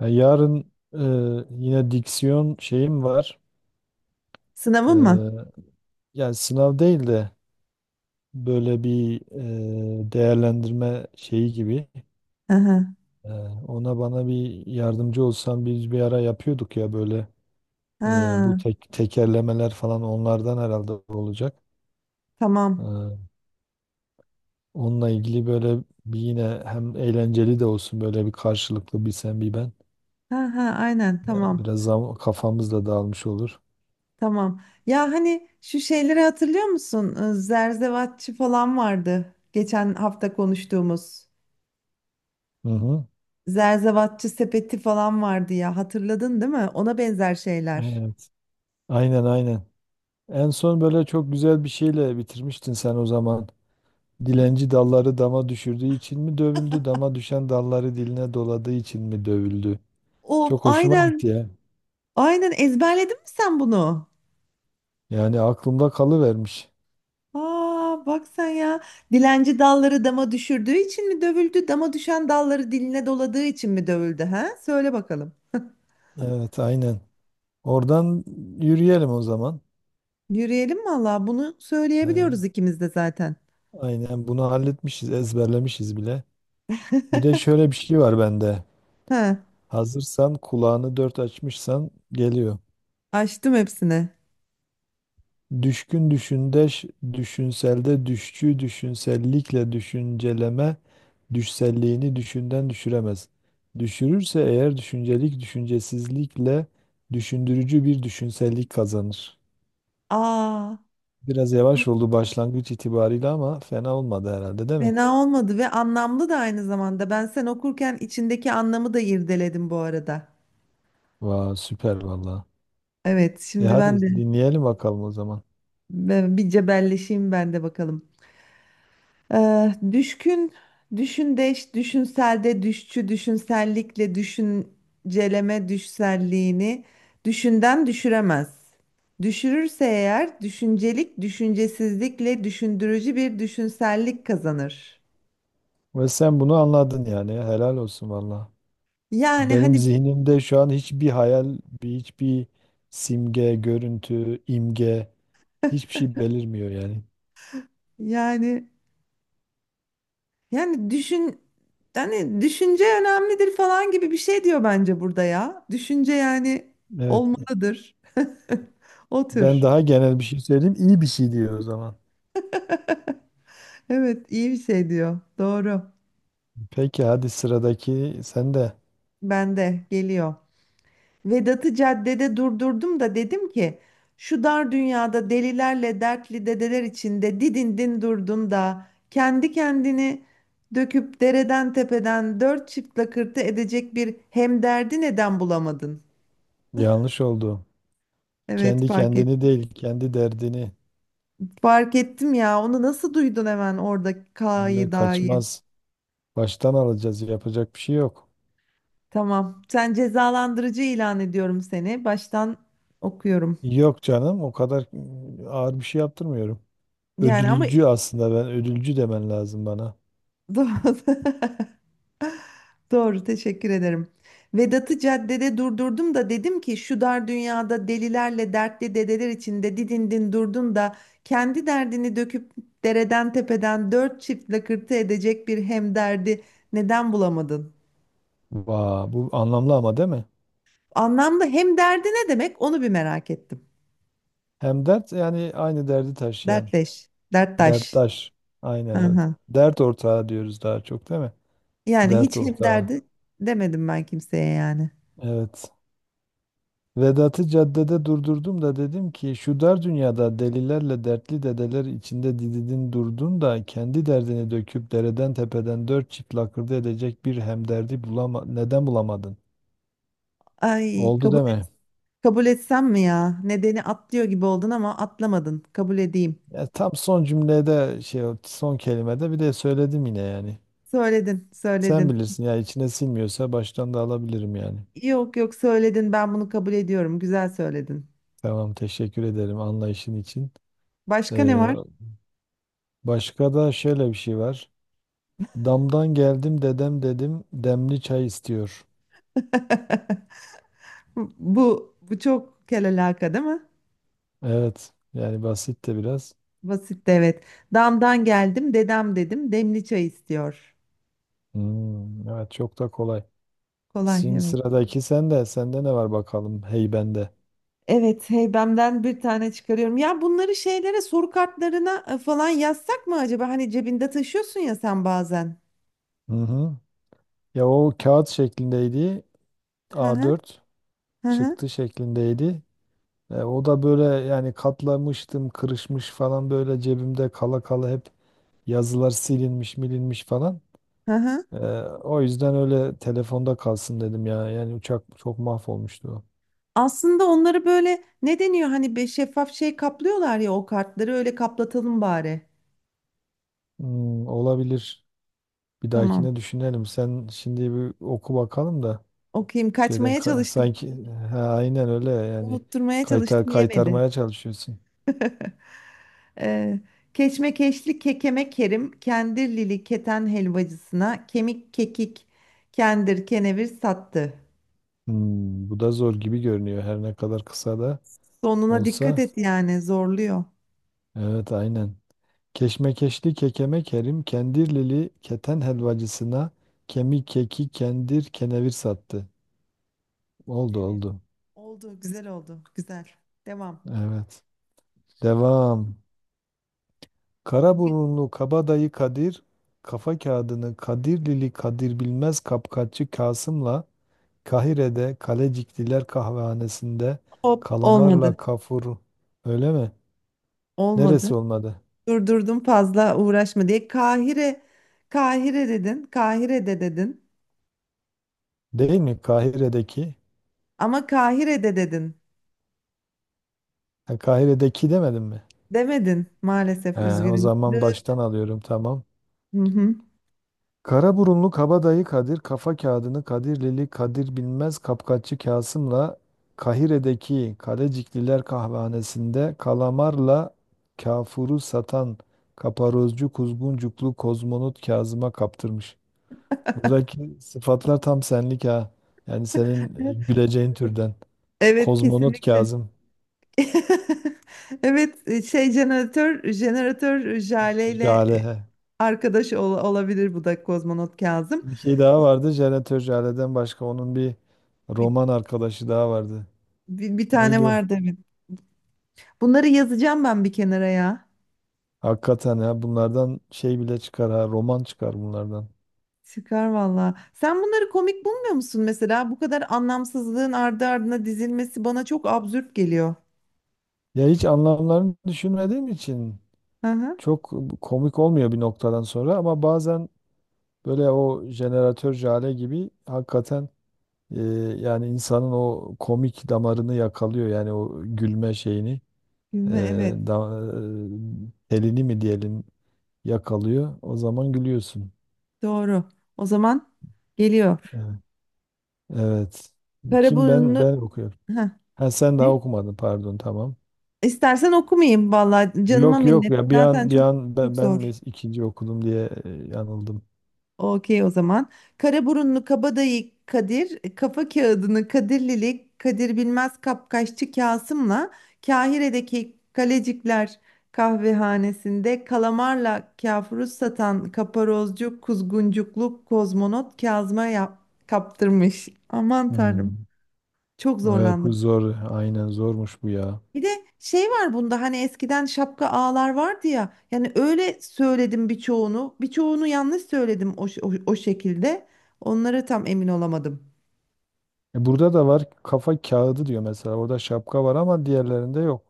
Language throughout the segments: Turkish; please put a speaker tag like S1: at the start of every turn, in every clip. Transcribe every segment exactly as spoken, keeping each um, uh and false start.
S1: Ya yarın e, yine diksiyon şeyim var.
S2: Sınavın mı?
S1: E, Yani sınav değil de böyle bir e, değerlendirme şeyi gibi.
S2: Hı hı.
S1: E, Ona bana bir yardımcı olsan biz bir ara yapıyorduk ya böyle e, bu
S2: Ha,
S1: tek, tekerlemeler falan onlardan herhalde olacak.
S2: tamam.
S1: E, Onunla ilgili böyle bir yine hem eğlenceli de olsun böyle bir karşılıklı bir sen bir ben.
S2: Ha ha aynen
S1: E,
S2: tamam.
S1: biraz zam- kafamız da dağılmış olur.
S2: Tamam. Ya hani şu şeyleri hatırlıyor musun? Ee, Zerzevatçı falan vardı. Geçen hafta konuştuğumuz.
S1: Hı hı.
S2: Zerzevatçı sepeti falan vardı ya. Hatırladın değil mi? Ona benzer şeyler.
S1: Evet. Aynen aynen. En son böyle çok güzel bir şeyle bitirmiştin sen o zaman. Dilenci dalları dama düşürdüğü için mi dövüldü? Dama düşen dalları diline doladığı için mi dövüldü?
S2: Of
S1: Çok hoşuma gitti
S2: aynen.
S1: ya.
S2: Aynen ezberledin mi sen bunu?
S1: Yani aklımda kalıvermiş.
S2: Aa bak sen ya. Dilenci dalları dama düşürdüğü için mi dövüldü? Dama düşen dalları diline doladığı için mi dövüldü? Ha? Söyle bakalım.
S1: Evet, aynen. Oradan yürüyelim o zaman.
S2: Yürüyelim valla bunu
S1: Ee,
S2: söyleyebiliyoruz ikimiz de zaten.
S1: aynen bunu halletmişiz, ezberlemişiz bile. Bir de şöyle bir şey var bende.
S2: Ha,
S1: Hazırsan, kulağını dört açmışsan geliyor.
S2: açtım hepsini.
S1: Düşkün düşündeş, düşünselde düşçü, düşünsellikle düşünceleme, düşselliğini düşünden düşüremez. Düşürürse eğer düşüncelik düşüncesizlikle düşündürücü bir düşünsellik kazanır.
S2: Aa,
S1: Biraz yavaş oldu başlangıç itibariyle ama fena olmadı herhalde değil mi?
S2: fena olmadı ve anlamlı da aynı zamanda. Ben sen okurken içindeki anlamı da irdeledim bu arada.
S1: Vay süper valla.
S2: Evet,
S1: E
S2: şimdi ben de
S1: hadi dinleyelim bakalım o zaman.
S2: ben bir cebelleşeyim ben de bakalım. Ee, düşkün, düşündeş, düşünselde, düşçü, düşünsellikle, düşünceleme, düşselliğini düşünden düşüremez. Düşürürse eğer düşüncelik, düşüncesizlikle düşündürücü bir düşünsellik kazanır.
S1: Ve sen bunu anladın yani helal olsun valla.
S2: Yani
S1: Benim
S2: hani
S1: zihnimde şu an hiçbir hayal, bir- hiçbir simge, görüntü, imge hiçbir şey belirmiyor yani.
S2: yani yani düşün hani düşünce önemlidir falan gibi bir şey diyor bence burada ya. Düşünce yani
S1: Evet.
S2: olmalıdır.
S1: Ben
S2: Otur.
S1: daha genel bir şey söyleyeyim. İyi bir şey diyor o zaman.
S2: Evet iyi bir şey diyor. Doğru.
S1: Peki hadi sıradaki sen de
S2: Bende geliyor. Vedat'ı caddede durdurdum da dedim ki şu dar dünyada delilerle dertli dedeler içinde didindin durdun da kendi kendini döküp dereden tepeden dört çift lakırtı edecek bir hemderdi neden bulamadın?
S1: yanlış oldu.
S2: Evet
S1: Kendi
S2: fark
S1: kendini
S2: ettim.
S1: değil, kendi derdini.
S2: Fark ettim ya onu nasıl duydun hemen orada
S1: Öyle
S2: K'yı da'yı.
S1: kaçmaz. Baştan alacağız. Yapacak bir şey yok.
S2: Tamam sen cezalandırıcı ilan ediyorum seni baştan okuyorum.
S1: Yok canım, o kadar mm, ağır bir şey yaptırmıyorum.
S2: Yani ama
S1: Ödülcü aslında ben ödülcü demen lazım bana.
S2: doğru. Doğru, teşekkür ederim. Vedat'ı caddede durdurdum da dedim ki şu dar dünyada delilerle dertli dedeler içinde didindin durdun da kendi derdini döküp dereden tepeden dört çift lakırtı edecek bir hemderdi neden bulamadın?
S1: Vaa, bu anlamlı ama değil mi?
S2: Anlamda hemderdi ne demek onu bir merak ettim.
S1: Hem dert yani aynı derdi taşıyan.
S2: Dertleş, derttaş.
S1: Derttaş. Aynen
S2: Hı
S1: evet.
S2: hı.
S1: Dert ortağı diyoruz daha çok değil mi?
S2: Yani
S1: Dert
S2: hiç
S1: ortağı.
S2: hemderdi demedim ben kimseye yani.
S1: Evet. Vedat'ı caddede durdurdum da dedim ki şu dar dünyada delilerle dertli dedeler içinde dididin durdun da kendi derdini döküp dereden tepeden dört çift lakırdı edecek bir hemderdi bulama neden bulamadın?
S2: Ay
S1: Oldu
S2: kabul et,
S1: deme.
S2: kabul etsem mi ya? Nedeni atlıyor gibi oldun ama atlamadın. Kabul edeyim.
S1: Ya tam son cümlede şey o son kelimede bir de söyledim yine yani.
S2: Söyledin,
S1: Sen
S2: söyledin.
S1: bilirsin ya içine sinmiyorsa baştan da alabilirim yani.
S2: Yok yok söyledin. Ben bunu kabul ediyorum. Güzel söyledin.
S1: Tamam teşekkür ederim anlayışın için.
S2: Başka ne
S1: Ee,
S2: var?
S1: Başka da şöyle bir şey var. Damdan geldim dedem dedim demli çay istiyor.
S2: Bu bu çok kelalaka değil mi?
S1: Evet yani basit de biraz.
S2: Basit de evet. Damdan geldim, dedem dedim. Demli çay istiyor.
S1: Hmm, evet çok da kolay.
S2: Kolay
S1: Şimdi
S2: evet.
S1: sıradaki sende. Sende ne var bakalım hey bende.
S2: Evet, heybemden bir tane çıkarıyorum. Ya bunları şeylere soru kartlarına e, falan yazsak mı acaba? Hani cebinde taşıyorsun ya sen bazen.
S1: Hı hı. Ya o kağıt şeklindeydi.
S2: Hı hı.
S1: A dört
S2: Hı hı.
S1: çıktı şeklindeydi. E, o da böyle yani katlamıştım kırışmış falan böyle cebimde kala kala hep yazılar silinmiş milinmiş falan.
S2: Hı hı.
S1: Ee, O yüzden öyle telefonda kalsın dedim ya. Yani uçak çok mahvolmuştu. O.
S2: Aslında onları böyle ne deniyor hani be şeffaf şey kaplıyorlar ya o kartları öyle kaplatalım bari.
S1: Hmm, olabilir. Bir
S2: Tamam.
S1: dahakine düşünelim. Sen şimdi bir oku bakalım da
S2: Okuyayım.
S1: şeyden
S2: Kaçmaya
S1: ka-
S2: çalıştım.
S1: sanki ha, aynen öyle yani
S2: Unutturmaya
S1: kaytar
S2: çalıştım. Yemedi.
S1: kaytarmaya çalışıyorsun.
S2: Ee, keşmekeşli kekeme kerim, kendirlili keten helvacısına kemik kekik kendir kenevir sattı.
S1: Hmm, bu da zor gibi görünüyor her ne kadar kısa da
S2: Sonuna dikkat
S1: olsa.
S2: et yani zorluyor.
S1: Evet aynen. Keşmekeşli kekeme Kerim Kendirlili keten helvacısına kemik keki kendir kenevir sattı. Oldu
S2: Evet
S1: oldu.
S2: oldu güzel oldu güzel. Devam.
S1: Evet. Devam. Karaburunlu kabadayı Kadir, kafa kağıdını Kadirlili Kadir Bilmez Kapkaççı Kasım'la Kahire'de Kalecikliler Kahvehanesi'nde
S2: Hop
S1: kalamarla
S2: olmadı.
S1: kafur. Öyle mi?
S2: Olmadı.
S1: Neresi olmadı?
S2: Durdurdum fazla uğraşma diye. Kahire, Kahire dedin, Kahire'de dedin.
S1: Değil mi? Kahire'deki.
S2: Ama Kahire'de dedin.
S1: Ha, Kahire'deki demedim mi?
S2: Demedin maalesef
S1: He, o
S2: üzgünüm.
S1: zaman baştan alıyorum tamam.
S2: Hı hı.
S1: Karaburunlu Kabadayı Kadir kafa kağıdını Kadirlili Kadir Bilmez Kapkaççı Kasım'la Kahire'deki Kalecikliler kahvehanesinde kalamarla kafuru satan kaparozcu kuzguncuklu kozmonot Kazım'a kaptırmış. Buradaki sıfatlar tam senlik ha. Yani senin e, güleceğin türden.
S2: Evet
S1: Kozmonot
S2: kesinlikle.
S1: Kazım.
S2: Evet e, şey jeneratör jeneratör jaleyle e,
S1: Jale. He.
S2: arkadaş ol- olabilir bu da kozmonot Kazım.
S1: Bir şey daha vardı. Jeneratör Jale'den başka onun bir
S2: Bir,
S1: roman arkadaşı daha vardı.
S2: bir, bir tane
S1: Neydi o?
S2: vardı evet. Bunları yazacağım ben bir kenara ya.
S1: Hakikaten ya bunlardan şey bile çıkar ha roman çıkar bunlardan.
S2: Çıkar valla. Sen bunları komik bulmuyor musun mesela? Bu kadar anlamsızlığın ardı ardına dizilmesi bana çok absürt geliyor.
S1: Ya hiç anlamlarını düşünmediğim için
S2: Hı hı.
S1: çok komik olmuyor bir noktadan sonra ama bazen böyle o jeneratör Jale gibi hakikaten e, yani insanın o komik damarını yakalıyor yani o gülme şeyini e,
S2: Gülme evet.
S1: da, e, telini mi diyelim yakalıyor o zaman gülüyorsun.
S2: Doğru. O zaman geliyor.
S1: Evet. Evet. Kim ben
S2: Karaburunlu
S1: ben okuyorum.
S2: heh.
S1: Ha sen daha
S2: Ne?
S1: okumadın pardon tamam.
S2: İstersen okumayayım valla.
S1: Yok
S2: Canıma
S1: yok
S2: minnet.
S1: ya bir
S2: Zaten
S1: an bir
S2: çok
S1: an ben,
S2: çok
S1: ben
S2: zor.
S1: mes- ikinci okudum diye e, yanıldım.
S2: Okey o zaman. Karaburunlu Kabadayı Kadir, Kafa Kağıdını Kadirlili Kadir Bilmez Kapkaççı Kasım'la Kahire'deki Kalecikler kahvehanesinde kalamarla kafuruz satan kaparozcu kuzguncuklu kozmonot Kazım'a yap- kaptırmış. Aman tanrım
S1: Hmm.
S2: çok
S1: Evet bu
S2: zorlandım.
S1: zor. Aynen zormuş bu ya.
S2: Bir de şey var bunda hani eskiden şapka ağlar vardı ya. Yani öyle söyledim birçoğunu. Birçoğunu yanlış söyledim o, ş- o, o şekilde. Onlara tam emin olamadım.
S1: E, burada da var kafa kağıdı diyor mesela. Orada şapka var ama diğerlerinde yok.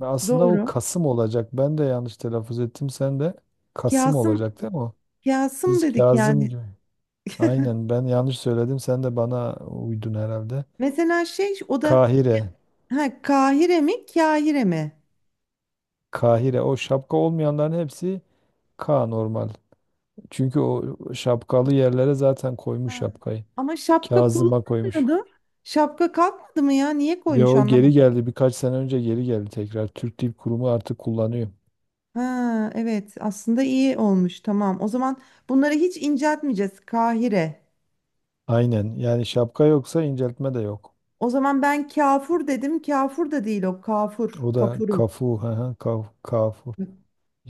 S1: Ve Aslında o
S2: Doğru.
S1: Kasım olacak. Ben de yanlış telaffuz ettim. Sen de Kasım
S2: Kasım
S1: olacak değil mi o?
S2: Kasım
S1: Biz
S2: dedik
S1: Kazım
S2: yani.
S1: gibi. Aynen ben yanlış söyledim. Sen de bana uydun herhalde.
S2: Mesela şey o da
S1: Kahire.
S2: ha, Kahire mi Kahire mi?
S1: Kahire. O şapka olmayanların hepsi K normal. Çünkü o şapkalı yerlere zaten koymuş
S2: Ha.
S1: şapkayı.
S2: Ama şapka
S1: Kazıma koymuş.
S2: kullanmıyordu. Şapka kalkmadı mı ya? Niye
S1: Ya
S2: koymuş
S1: o geri
S2: anlamadım.
S1: geldi birkaç sene önce geri geldi tekrar. Türk Dil Kurumu artık kullanıyor.
S2: Ha, evet aslında iyi olmuş tamam. O zaman bunları hiç inceltmeyeceğiz. Kahire.
S1: Aynen yani şapka yoksa inceltme de yok.
S2: O zaman ben kafur dedim. Kafur da değil o. Kafur.
S1: O da
S2: Kafuru.
S1: kafu, hı hı, kaf, kafu.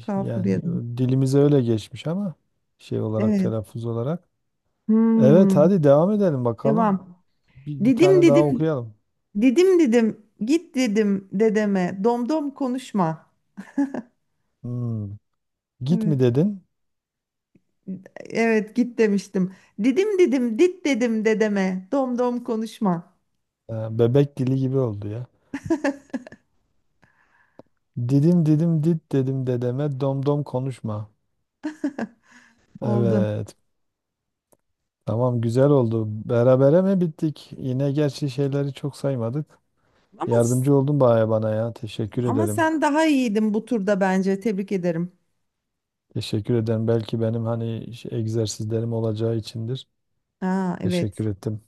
S2: Kafur
S1: Yani
S2: dedim.
S1: dilimize öyle geçmiş ama şey olarak
S2: Evet.
S1: telaffuz olarak. Evet
S2: Hmm.
S1: hadi devam edelim bakalım.
S2: Devam.
S1: Bir, bir
S2: Didim
S1: tane daha
S2: didim.
S1: okuyalım.
S2: Didim didim. Git dedim dedeme. Domdom konuşma.
S1: Hmm. Git mi
S2: Evet.
S1: dedin?
S2: Evet git demiştim. Didim didim dit dedim dedeme. Domdom konuşma.
S1: Ha, Bebek dili gibi oldu ya. Didim didim dit dedim dedeme dom dom konuşma.
S2: Oldu.
S1: Evet. Tamam güzel oldu. Berabere mi bittik? Yine gerçi şeyleri çok saymadık.
S2: Ama
S1: Yardımcı oldun baya bana ya. Teşekkür
S2: ama
S1: ederim.
S2: sen daha iyiydin bu turda bence. Tebrik ederim.
S1: Teşekkür ederim. Belki benim hani şey- egzersizlerim olacağı içindir.
S2: Aa evet.
S1: Teşekkür ettim.